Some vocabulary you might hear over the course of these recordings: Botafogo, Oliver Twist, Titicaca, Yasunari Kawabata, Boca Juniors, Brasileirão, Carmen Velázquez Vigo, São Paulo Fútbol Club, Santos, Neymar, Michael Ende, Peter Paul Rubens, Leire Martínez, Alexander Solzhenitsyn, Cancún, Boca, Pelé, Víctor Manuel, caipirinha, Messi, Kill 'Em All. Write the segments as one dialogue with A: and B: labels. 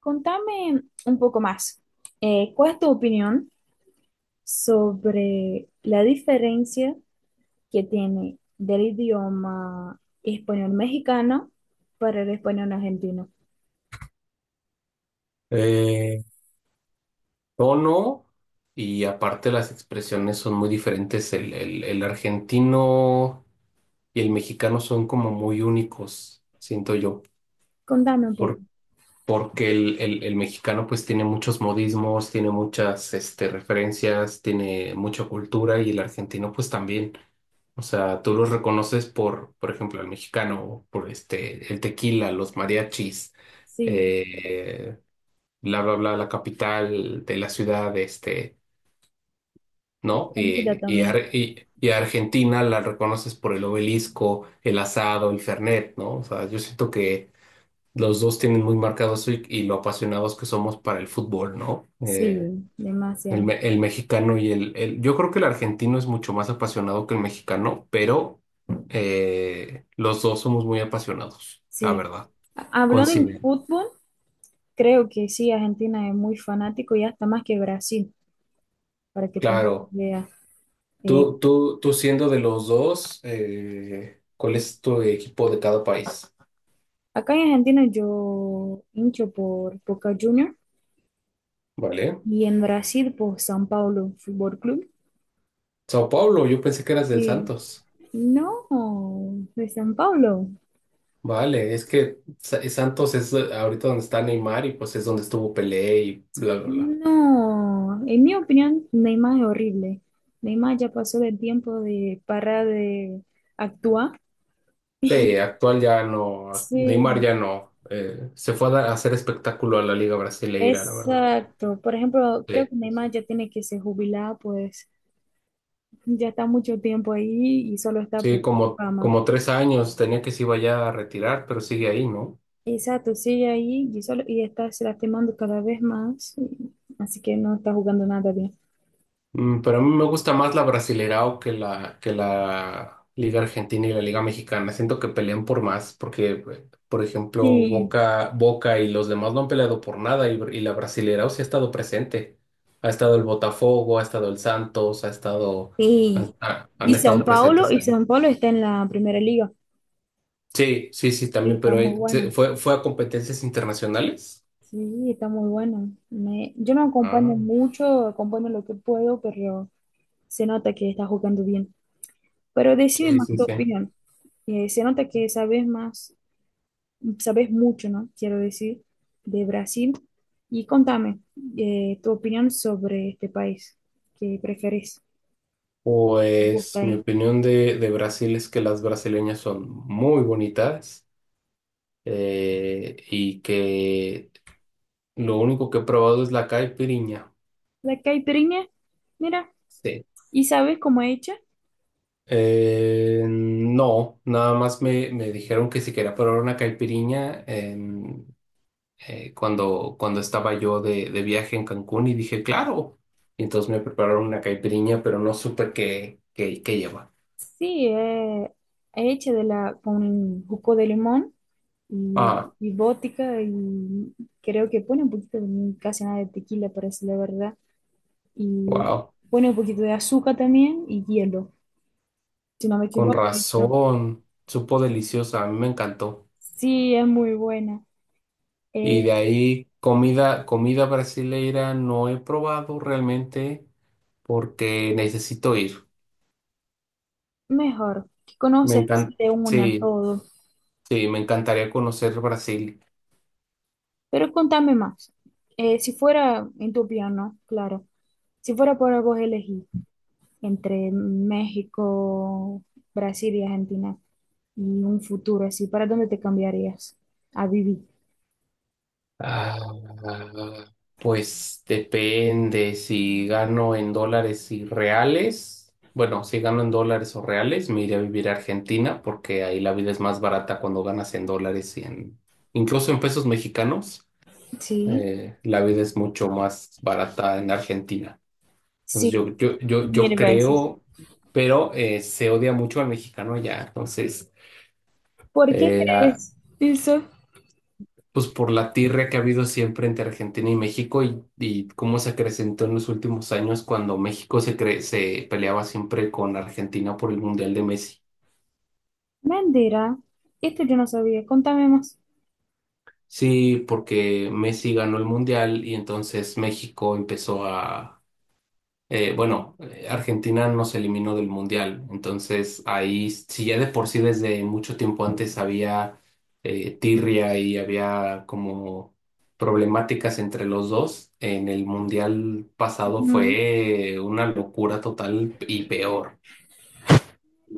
A: Contame un poco más. ¿Cuál es tu opinión sobre la diferencia que tiene del idioma español mexicano para el español argentino?
B: Eh, Tono y aparte las expresiones son muy diferentes. El argentino y el mexicano son como muy únicos, siento yo,
A: Contame un poco.
B: por- porque el mexicano pues tiene muchos modismos, tiene muchas este, referencias, tiene mucha cultura y el argentino pues también. O sea, tú los reconoces por ejemplo, el mexicano, por este, el tequila, los mariachis,
A: Sí,
B: eh, bla, bla, bla, la capital de la ciudad, este.
A: la
B: ¿No?
A: comida
B: Y,
A: también.
B: Ar- y- y a Argentina la reconoces por el obelisco, el asado, el Fernet, ¿no? O sea, yo siento que los dos tienen muy marcado eso y lo apasionados que somos para el fútbol, ¿no?
A: Sí, demasiado.
B: El mexicano y yo creo que el argentino es mucho más apasionado que el mexicano, pero los dos somos muy apasionados, la
A: Sí.
B: verdad.
A: Hablando en
B: Coinciden.
A: fútbol, creo que sí, Argentina es muy fanático y hasta más que Brasil, para que tengas
B: Claro.
A: idea. Eh,
B: Tú siendo de los dos, ¿cuál es tu equipo de cada país?
A: acá en Argentina yo hincho por Boca Juniors.
B: ¿Vale?
A: Y en Brasil, por São Paulo Fútbol Club.
B: Sao Paulo, yo pensé que eras del
A: Sí.
B: Santos.
A: No, de São Paulo.
B: Vale, es que Santos es ahorita donde está Neymar y pues es donde estuvo Pelé y bla, bla, bla.
A: No, en mi opinión, Neymar es horrible. Neymar ya pasó del tiempo de parar de actuar.
B: Sí, actual ya no, Neymar
A: Sí,
B: ya no. Se fue a hacer espectáculo a la Liga Brasileira, la verdad.
A: exacto. Por ejemplo, creo
B: Sí,
A: que
B: sí, sí.
A: Neymar ya tiene que se jubilar, pues ya está mucho tiempo ahí y solo está
B: Sí,
A: por
B: como,
A: fama.
B: como tres años tenía que se iba ya a retirar, pero sigue ahí, ¿no?
A: Exacto, sigue ahí y, solo, y está se lastimando cada vez más, y- así que no está jugando nada bien.
B: Pero a mí me gusta más la Brasileirao que la Liga Argentina y la Liga Mexicana. Siento que pelean por más, porque, por ejemplo,
A: Sí,
B: Boca, Boca y los demás no han peleado por nada y la Brasileirao sí ha estado presente. Ha estado el Botafogo, ha estado el Santos, ha estado,
A: sí.
B: han, ha- han estado presentes
A: Y
B: ahí.
A: San Paulo está en la primera liga.
B: Sí, sí, sí,
A: Sí,
B: también,
A: está
B: pero
A: muy bueno.
B: fue a competencias internacionales.
A: Sí, está muy bueno. Yo no acompaño
B: Ah.
A: mucho, acompaño lo que puedo, pero se nota que está jugando bien. Pero decime
B: Sí,
A: más
B: sí,
A: tu
B: sí.
A: opinión. Se nota que sabes más, sabes mucho, ¿no? Quiero decir, de Brasil. Y contame tu opinión sobre este país. ¿Qué prefieres? ¿Te gusta
B: Pues mi
A: ahí?
B: opinión de Brasil es que las brasileñas son muy bonitas y que lo único que he probado es la caipirinha.
A: La caipirinha, mira,
B: Sí.
A: ¿y sabes cómo es hecha?
B: No, nada más me dijeron que si quería probar una caipirinha cuando estaba yo de viaje en Cancún y dije, claro. Y entonces me prepararon una caipirinha, pero no supe qué lleva.
A: Sí, es hecha de la con jugo de limón y,
B: Ah,
A: y vodka y creo que pone un poquito, casi nada de tequila, parece la verdad. Y
B: wow.
A: pone un poquito de azúcar también y hielo, si no me
B: Con
A: equivoco. Esto.
B: razón, supo deliciosa, a mí me encantó.
A: Sí, es muy buena. Eh,
B: Y de ahí comida, comida brasileira no he probado realmente porque necesito ir.
A: mejor, que
B: Me
A: conoces
B: encanta,
A: de una
B: sí,
A: todo.
B: sí, me encantaría conocer Brasil.
A: Pero contame más. Si fuera en tu piano, claro, si fuera por vos elegir entre México, Brasil y Argentina. Y un futuro así, ¿para dónde te cambiarías a vivir?
B: Ah, pues depende si gano en dólares y reales. Bueno, si gano en dólares o reales, me iré a vivir a Argentina porque ahí la vida es más barata cuando ganas en dólares y incluso en pesos mexicanos.
A: Sí.
B: La vida es mucho más barata en Argentina. Entonces
A: Sí,
B: yo
A: mil veces.
B: creo, pero se odia mucho al mexicano allá. Entonces,
A: ¿Por qué
B: ah,
A: crees? Eso.
B: pues por la tirria que ha habido siempre entre Argentina y México y cómo se acrecentó en los últimos años cuando México se peleaba siempre con Argentina por el Mundial de Messi.
A: Mentira, esto yo no sabía, contame más.
B: Sí, porque Messi ganó el Mundial y entonces México empezó a bueno, Argentina nos eliminó del Mundial, entonces ahí, si ya de por sí desde mucho tiempo antes había tirria y había como problemáticas entre los dos, en el Mundial pasado
A: Ujú.
B: fue una locura total y peor.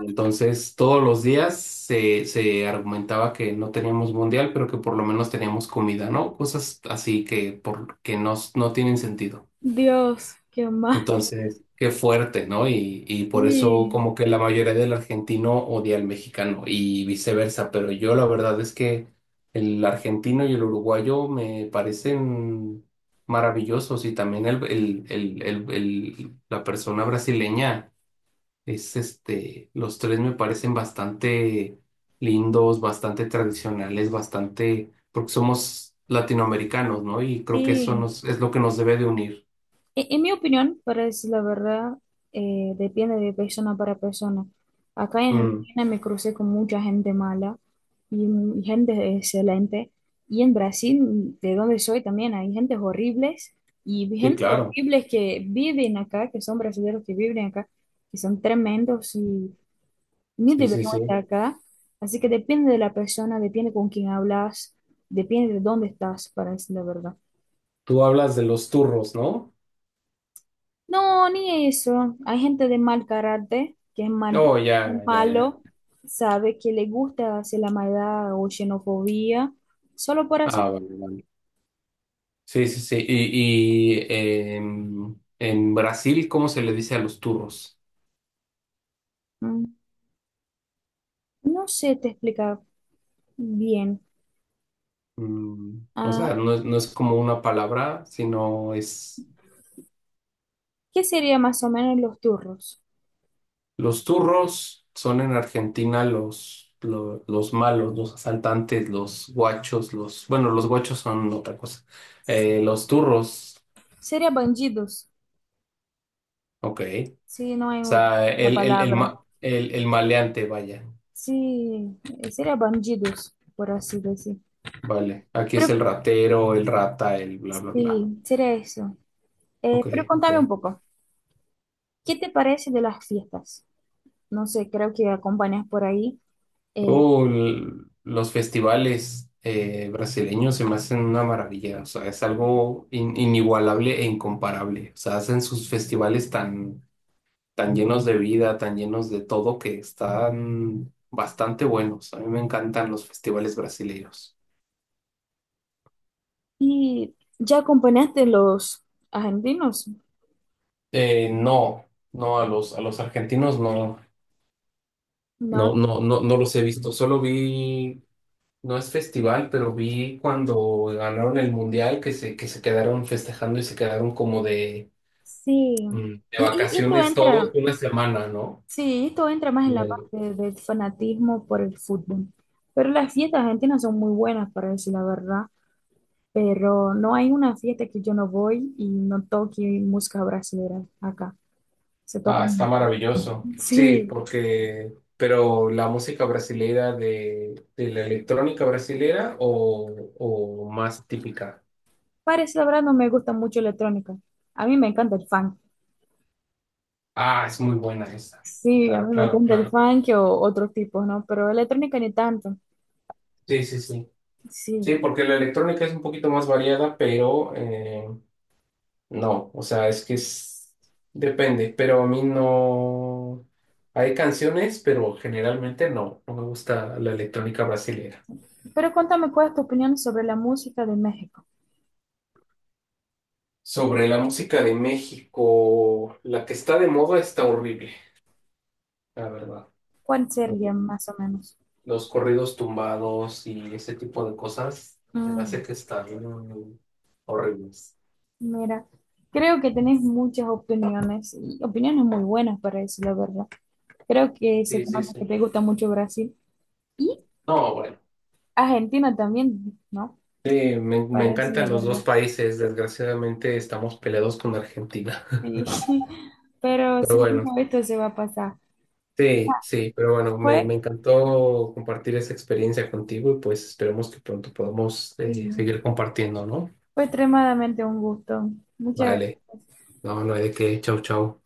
B: Entonces todos los días se argumentaba que no teníamos Mundial, pero que por lo menos teníamos comida, ¿no? Cosas así que, por, que no, no tienen sentido.
A: Dios, qué más.
B: Entonces, qué fuerte, ¿no? Y por eso
A: Sí,
B: como que la mayoría del argentino odia al mexicano y viceversa, pero yo la verdad es que el argentino y el uruguayo me parecen maravillosos y también la persona brasileña es este, los tres me parecen bastante lindos, bastante tradicionales, bastante, porque somos latinoamericanos, ¿no? Y creo que eso
A: sí.
B: nos, es lo que nos debe de unir.
A: En mi opinión, para decir la verdad, depende de persona para persona. Acá en
B: Mm,
A: Argentina me crucé con mucha gente mala y, y gente excelente. Y en Brasil, de donde soy, también hay gentes horribles y
B: sí,
A: gente
B: claro.
A: horribles que viven acá, que son brasileños que viven acá, que son tremendos y ni
B: Sí, sí,
A: deberían estar
B: sí.
A: acá. Así que depende de la persona, depende con quién hablas, depende de dónde estás, para decir la verdad.
B: Tú hablas de los turros, ¿no?
A: No, ni eso. Hay gente de mal carácter, que es mal,
B: Oh, ya, ya, ya.
A: malo, sabe que le gusta hacer la maldad o xenofobia, solo por hacer...
B: Ah, vale, vale. Sí, sí, sí. Y en Brasil, ¿cómo se le dice a los turros?
A: Mm, no sé, te explicar bien.
B: O sea,
A: Ah,
B: no es como una palabra, sino es...
A: ¿qué sería más o menos los turros?
B: Los turros son en Argentina los, malos, los asaltantes, los guachos, los... Bueno, los guachos son otra cosa. Los turros,
A: Sería bandidos,
B: ok. O
A: si no hay otra
B: sea, el, el, el,
A: palabra.
B: ma- el, el maleante, vaya.
A: Sí, sería bandidos, por así decir.
B: Vale, aquí es
A: Pero
B: el ratero, el rata, el bla, bla, bla.
A: sí, sería eso.
B: Ok,
A: Pero contame un
B: ok.
A: poco, ¿qué te parece de las fiestas? No sé, creo que acompañas por ahí. Eh,
B: Oh, los festivales brasileños se me hacen una maravilla, o sea, es algo inigualable e incomparable. O sea, hacen sus festivales tan, tan llenos de vida, tan llenos de todo, que están bastante buenos. A mí me encantan los festivales brasileños.
A: ¿Y ya acompañaste los argentinos?
B: No, no, a los argentinos no. No,
A: No,
B: no, no, no los he visto. Solo vi No es festival, pero vi cuando ganaron el mundial que que se quedaron festejando y se quedaron como
A: sí.
B: de
A: Y esto
B: vacaciones todos
A: entra,
B: una semana, ¿no?
A: sí, esto entra más en
B: En
A: la
B: el-
A: parte del fanatismo por el fútbol. Pero las fiestas argentinas son muy buenas, para decir la verdad. Pero no hay una fiesta que yo no voy y no toque música brasileña acá. Se toca
B: Ah, está
A: mucho.
B: maravilloso. Sí,
A: Sí,
B: pero la música brasileira de la electrónica brasileira o más típica.
A: para decir la verdad no me gusta mucho electrónica. A mí me encanta el funk.
B: Ah, es muy buena esa.
A: Sí, a
B: Claro,
A: mí me
B: claro,
A: encanta el
B: claro.
A: funk o otros tipos, ¿no? Pero electrónica ni tanto.
B: Sí, sí, sí. Sí,
A: Sí.
B: porque la electrónica es un poquito más variada, pero no, o sea, es que es... depende, pero a mí no... Hay canciones, pero generalmente no, no me gusta la electrónica brasileña.
A: Pero cuéntame, ¿cuál es tu opinión sobre la música de México?
B: Sobre la música de México, la que está de moda está horrible, la verdad.
A: ¿Cuál sería
B: Mm,
A: más o menos?
B: Los corridos tumbados y ese tipo de cosas, me parece
A: Mm,
B: que están horribles.
A: mira, creo que tenés muchas opiniones y opiniones muy buenas para eso, la verdad. Creo que se
B: Sí,
A: te
B: sí,
A: nota que
B: sí.
A: te gusta mucho Brasil y
B: No, bueno.
A: Argentina también, ¿no?
B: Sí, me
A: Parece la
B: encantan los dos
A: verdad.
B: países, desgraciadamente estamos peleados con Argentina.
A: Sí. Pero
B: Pero bueno.
A: seguro esto se va a pasar.
B: Sí, sí, pero bueno, me
A: Fue,
B: encantó compartir esa experiencia contigo y pues esperemos que pronto podamos
A: sí,
B: seguir compartiendo, ¿no?
A: fue extremadamente un gusto. Muchas
B: Vale,
A: gracias.
B: no, no hay de qué, chau, chau.